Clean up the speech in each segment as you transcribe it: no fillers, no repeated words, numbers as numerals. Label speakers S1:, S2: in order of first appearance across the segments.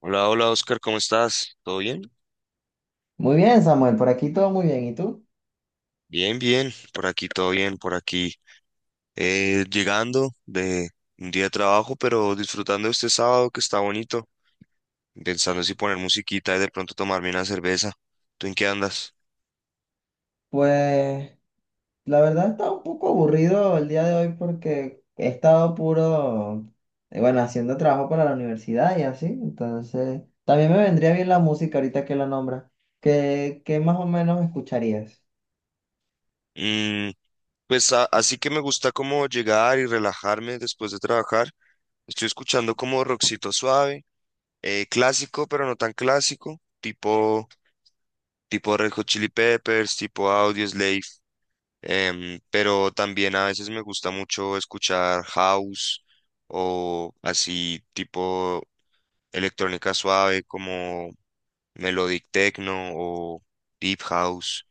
S1: Hola, hola Oscar, ¿cómo estás? ¿Todo bien?
S2: Muy bien, Samuel, por aquí todo muy bien. ¿Y tú?
S1: Bien, bien, por aquí todo bien, por aquí. Llegando de un día de trabajo, pero disfrutando este sábado que está bonito, pensando si poner musiquita y de pronto tomarme una cerveza. ¿Tú en qué andas?
S2: Pues la verdad está un poco aburrido el día de hoy porque he estado puro, bueno, haciendo trabajo para la universidad y así. Entonces, también me vendría bien la música ahorita que la nombra. ¿Qué más o menos escucharías?
S1: Mm, pues así que me gusta como llegar y relajarme después de trabajar. Estoy escuchando como rockcito suave, clásico, pero no tan clásico, tipo Red Hot Chili Peppers, tipo Audioslave. Pero también a veces me gusta mucho escuchar house o así tipo electrónica suave como melodic techno o deep house,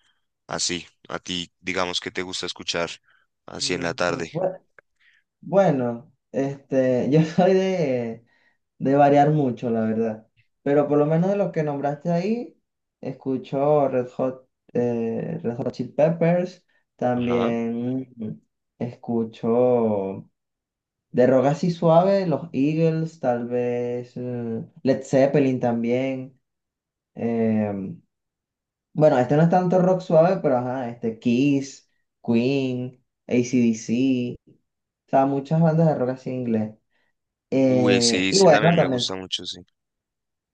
S1: así. A ti, digamos que te gusta escuchar así en la
S2: Ok,
S1: tarde.
S2: bue- Bueno, yo soy de variar mucho, la verdad. Pero por lo menos de los que nombraste ahí, escucho Red Hot, Red Hot Chili Peppers,
S1: Ajá.
S2: también escucho de rock así suave, los Eagles, tal vez Led Zeppelin también. em, bueno, este no es tanto rock suave, pero ajá, este Kiss, Queen, AC/DC, o sea, muchas bandas de rock así en inglés.
S1: Uy,
S2: Eh,
S1: sí,
S2: y
S1: sí,
S2: bueno,
S1: también me
S2: también.
S1: gusta mucho, sí.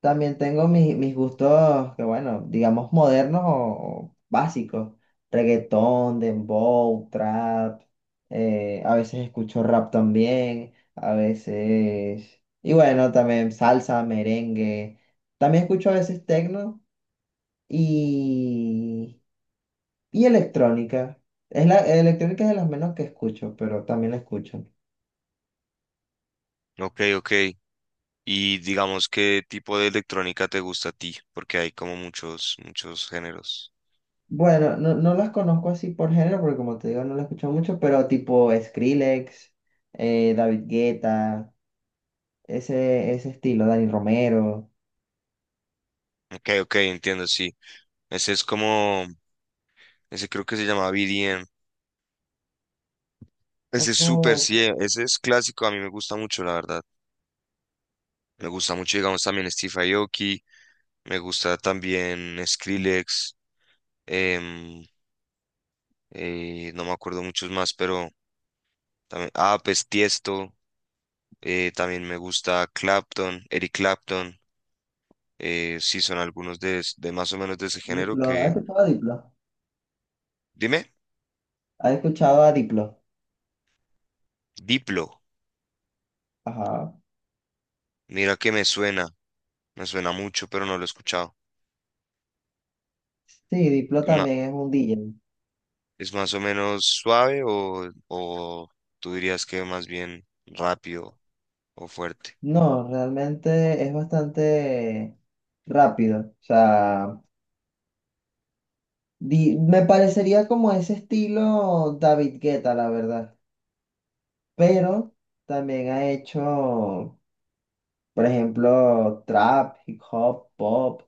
S2: También tengo mis gustos, que bueno, digamos modernos o básicos. Reggaetón, dembow, trap. A veces escucho rap también. A veces. Y bueno, también salsa, merengue. También escucho a veces tecno y, y electrónica. Electrónica es de las menos que escucho, pero también la escucho.
S1: Ok, ok. Y digamos, ¿qué tipo de electrónica te gusta a ti? Porque hay como muchos, muchos géneros.
S2: Bueno, no las conozco así por género, porque como te digo, no las he escuchado mucho, pero tipo Skrillex, David Guetta, ese estilo, Dani Romero.
S1: Ok, ok, entiendo, sí. Ese es como ese creo que se llama BDM.
S2: Oh,
S1: Ese es súper, sí,
S2: ok.
S1: ese es clásico, a mí me gusta mucho, la verdad. Me gusta mucho, digamos, también Steve Aoki, me gusta también Skrillex, em, no me acuerdo muchos más, pero también, ah, pues Tiesto, también me gusta Clapton, Eric Clapton, sí, son algunos de, de más o menos de ese género
S2: Diplo,
S1: que,
S2: ¿has escuchado a Diplo?
S1: dime,
S2: ¿Has escuchado a Diplo?
S1: Diplo,
S2: Ajá.
S1: mira que me suena mucho, pero no lo he escuchado.
S2: Sí, Diplo también es un DJ.
S1: ¿Es más o menos suave o tú dirías que más bien rápido o fuerte?
S2: No, realmente es bastante rápido. O sea, me parecería como ese estilo David Guetta, la verdad. Pero también ha hecho. Por ejemplo, trap, hip hop, pop.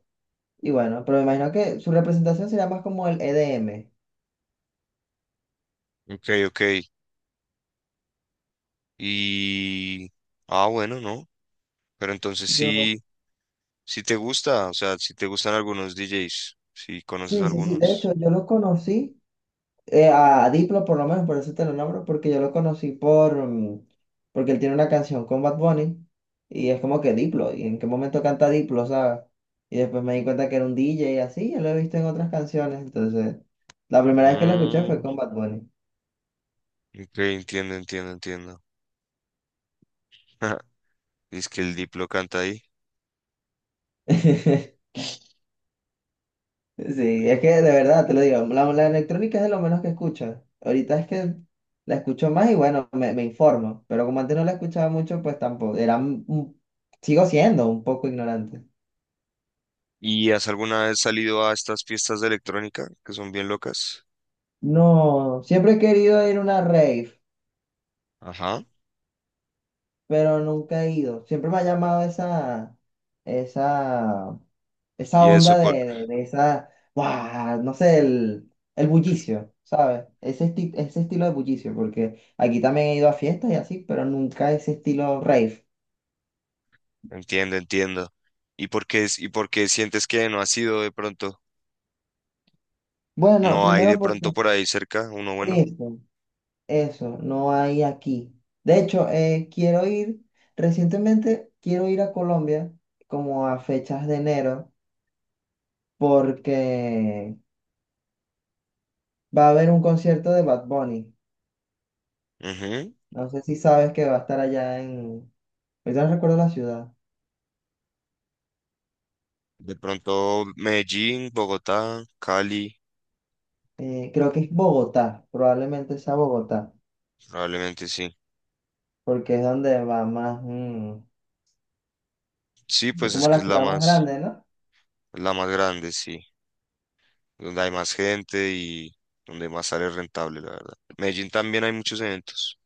S2: Y bueno, pero me imagino que su representación sería más como el EDM.
S1: Ok, ok. Y... ah, bueno, ¿no? Pero entonces
S2: Yo,
S1: sí, sí te gusta, o sea, sí te gustan algunos DJs, si conoces
S2: sí, sí, sí. De
S1: algunos.
S2: hecho, yo lo conocí a Diplo, por lo menos, por eso te lo nombro, porque yo lo conocí por, porque él tiene una canción con Bad Bunny y es como que Diplo. ¿Y en qué momento canta Diplo, sabes? Y después me di cuenta que era un DJ y así, yo lo he visto en otras canciones. Entonces, la primera vez que lo escuché fue
S1: Mm,
S2: con Bad Bunny.
S1: ok, entiendo, entiendo, entiendo. Es que el Diplo canta ahí.
S2: Sí, es que de verdad te lo digo, la electrónica es de lo menos que escucho. Ahorita es que la escucho más y bueno, me informo, pero como antes no la escuchaba mucho, pues tampoco, era sigo siendo un poco ignorante.
S1: ¿Y has alguna vez salido a estas fiestas de electrónica que son bien locas?
S2: No, siempre he querido ir a una rave,
S1: Ajá.
S2: pero nunca he ido. Siempre me ha llamado esa esa
S1: ¿Y eso,
S2: onda de esa, ¡guau! No sé, el bullicio, ¿sabes? Ese estilo de bullicio, porque aquí también he ido a fiestas y así, pero nunca ese estilo rave.
S1: entiendo, entiendo. ¿Y por qué, y por qué sientes que no ha sido de pronto?
S2: Bueno,
S1: No hay
S2: primero
S1: de pronto
S2: porque
S1: por ahí cerca, uno bueno.
S2: eso, no hay aquí. De hecho, quiero ir, recientemente quiero ir a Colombia como a fechas de enero, porque va a haber un concierto de Bad Bunny.
S1: Ujú.
S2: No sé si sabes que va a estar allá en... Ahorita no recuerdo la ciudad.
S1: De pronto Medellín, Bogotá, Cali,
S2: Creo que es Bogotá, probablemente sea Bogotá,
S1: probablemente sí.
S2: porque es donde va más,
S1: Sí,
S2: es
S1: pues es
S2: como
S1: que
S2: la
S1: es
S2: ciudad más grande, ¿no?
S1: la más grande, sí. Donde hay más gente y donde más sale rentable, la verdad. Medellín también hay muchos eventos,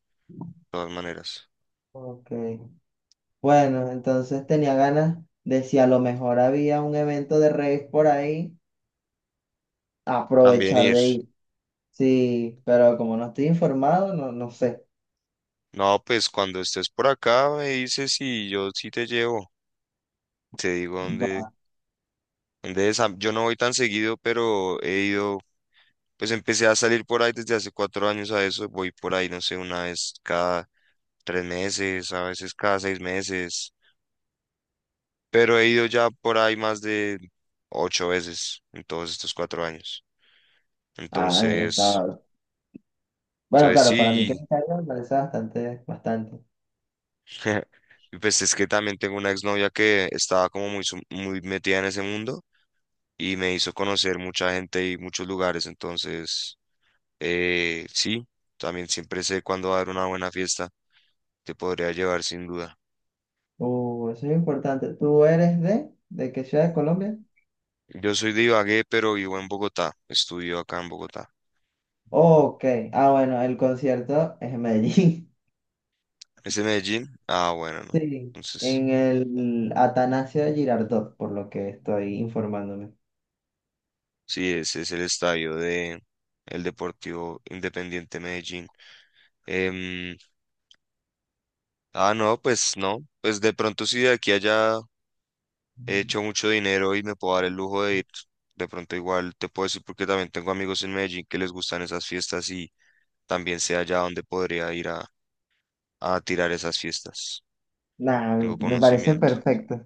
S1: de todas maneras.
S2: Ok. Bueno, entonces tenía ganas de si a lo mejor había un evento de rave por ahí,
S1: También
S2: aprovechar
S1: ir.
S2: de ir. Sí, pero como no estoy informado, no, no sé.
S1: No, pues cuando estés por acá me dices y yo sí te llevo. Te digo dónde.
S2: Va.
S1: De esa, yo no voy tan seguido, pero he ido, pues empecé a salir por ahí desde hace cuatro años a eso. Voy por ahí, no sé, una vez cada tres meses, a veces cada seis meses, pero he ido ya por ahí más de ocho veces en todos estos cuatro años. Entonces,
S2: Está. Bueno,
S1: entonces
S2: claro, para mí que
S1: sí,
S2: me caiga me parece bastante, bastante.
S1: y pues es que también tengo una exnovia que estaba como muy, muy metida en ese mundo y me hizo conocer mucha gente y muchos lugares. Entonces, sí, también siempre sé cuándo dar una buena fiesta. Te podría llevar sin duda.
S2: Eso es importante. ¿Tú eres de qué ciudad de Colombia?
S1: Yo soy de Ibagué, pero vivo en Bogotá. Estudio acá en Bogotá.
S2: Ok, ah bueno, el concierto es en Medellín.
S1: ¿Es de Medellín? Ah, bueno, no.
S2: Sí,
S1: Entonces,
S2: en el Atanasio Girardot, por lo que estoy informándome.
S1: sí, ese es el estadio de el Deportivo Independiente Medellín. Em, ah, no, pues no. Pues de pronto si de aquí a allá he hecho mucho dinero y me puedo dar el lujo de ir. De pronto igual te puedo decir porque también tengo amigos en Medellín que les gustan esas fiestas y también sé allá donde podría ir a tirar esas fiestas.
S2: Nah,
S1: Tengo
S2: me parece
S1: conocimiento.
S2: perfecto. O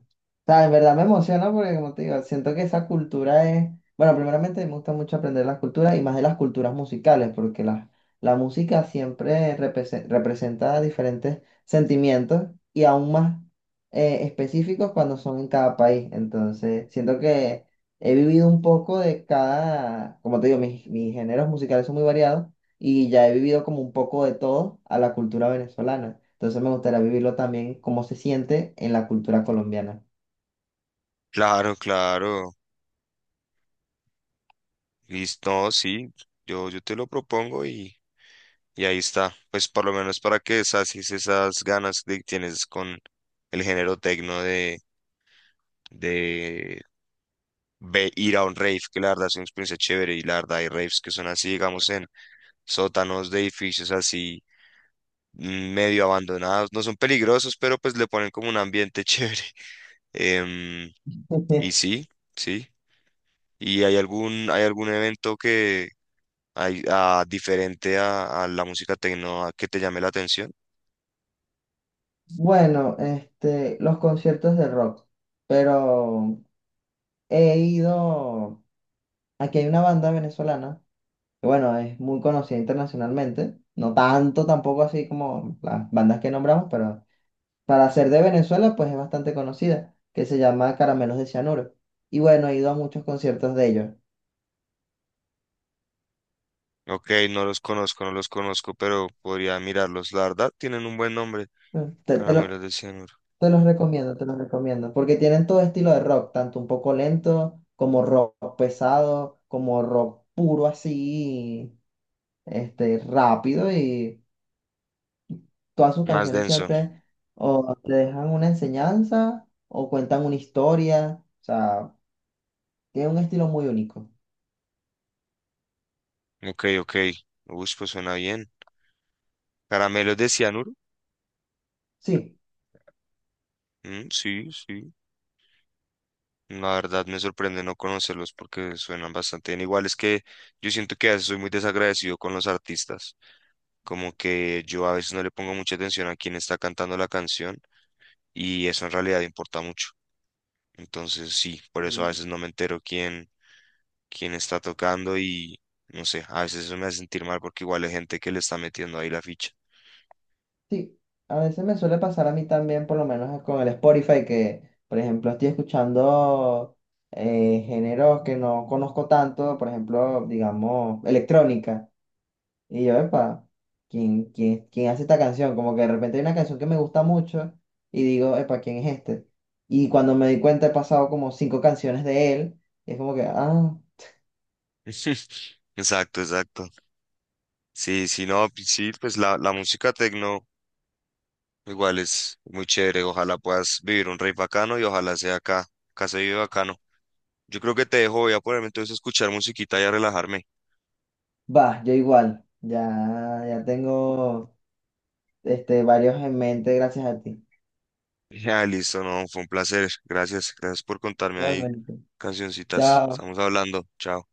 S2: sea, en verdad me emociona porque, como te digo, siento que esa cultura es... Bueno, primeramente me gusta mucho aprender las culturas y más de las culturas musicales, porque la música siempre representa diferentes sentimientos y aún más específicos cuando son en cada país. Entonces, siento que he vivido un poco de cada... Como te digo, mis géneros musicales son muy variados y ya he vivido como un poco de todo a la cultura venezolana. Entonces me gustaría vivirlo también cómo se siente en la cultura colombiana.
S1: Claro, claro. Listo, no, sí. Yo te lo propongo y ahí está. Pues por lo menos para que sacies esas ganas que tienes con el género tecno de ir a un rave, que la verdad es una experiencia chévere y la verdad hay raves que son así, digamos, en sótanos de edificios así medio abandonados. No son peligrosos, pero pues le ponen como un ambiente chévere. Em, y sí, sí. ¿Y hay algún evento que hay, ah, diferente a la música tecno ah, que te llame la atención?
S2: Bueno, los conciertos de rock, pero he ido, aquí hay una banda venezolana, que bueno, es muy conocida internacionalmente, no tanto tampoco así como las bandas que nombramos, pero para ser de Venezuela pues es bastante conocida, que se llama Caramelos de Cianuro. Y bueno, he ido a muchos conciertos de ellos.
S1: Ok, no los conozco, no los conozco, pero podría mirarlos. La verdad, tienen un buen nombre.
S2: Mm,
S1: Caramelos de Cianuro.
S2: Te los recomiendo, porque tienen todo estilo de rock, tanto un poco lento como rock pesado, como rock puro así, rápido y todas sus
S1: Más
S2: canciones
S1: denso.
S2: siempre o te dejan una enseñanza o cuentan una historia, o sea, tiene un estilo muy único.
S1: Ok, ok. Uy, pues suena bien. Caramelos de Cianuro.
S2: Sí.
S1: Mm, sí, sí. La verdad me sorprende no conocerlos porque suenan bastante bien. Igual es que yo siento que a veces soy muy desagradecido con los artistas. Como que yo a veces no le pongo mucha atención a quién está cantando la canción y eso en realidad importa mucho. Entonces sí, por eso a veces no me entero quién, quién está tocando y no sé, a veces eso me hace sentir mal porque igual hay gente que le está metiendo ahí la ficha.
S2: Sí, a veces me suele pasar a mí también, por lo menos con el Spotify, que por ejemplo estoy escuchando géneros que no conozco tanto, por ejemplo, digamos, electrónica. Y yo, epa, ¿ quién hace esta canción? Como que de repente hay una canción que me gusta mucho y digo, epa, ¿quién es este? Y cuando me di cuenta he pasado como cinco canciones de él, y es como que, ah,
S1: Exacto, exacto. Sí, sí, no, pues sí, pues la música tecno igual es muy chévere. Ojalá puedas vivir un rey bacano y ojalá sea acá, acá se vive bacano. Yo creo que te dejo, voy a ponerme entonces a escuchar musiquita y a relajarme.
S2: va, yo igual, ya tengo varios en mente gracias a ti.
S1: Ya, listo, no, fue un placer. Gracias, gracias por contarme ahí
S2: Igualmente.
S1: cancioncitas.
S2: Chao.
S1: Estamos hablando, chao.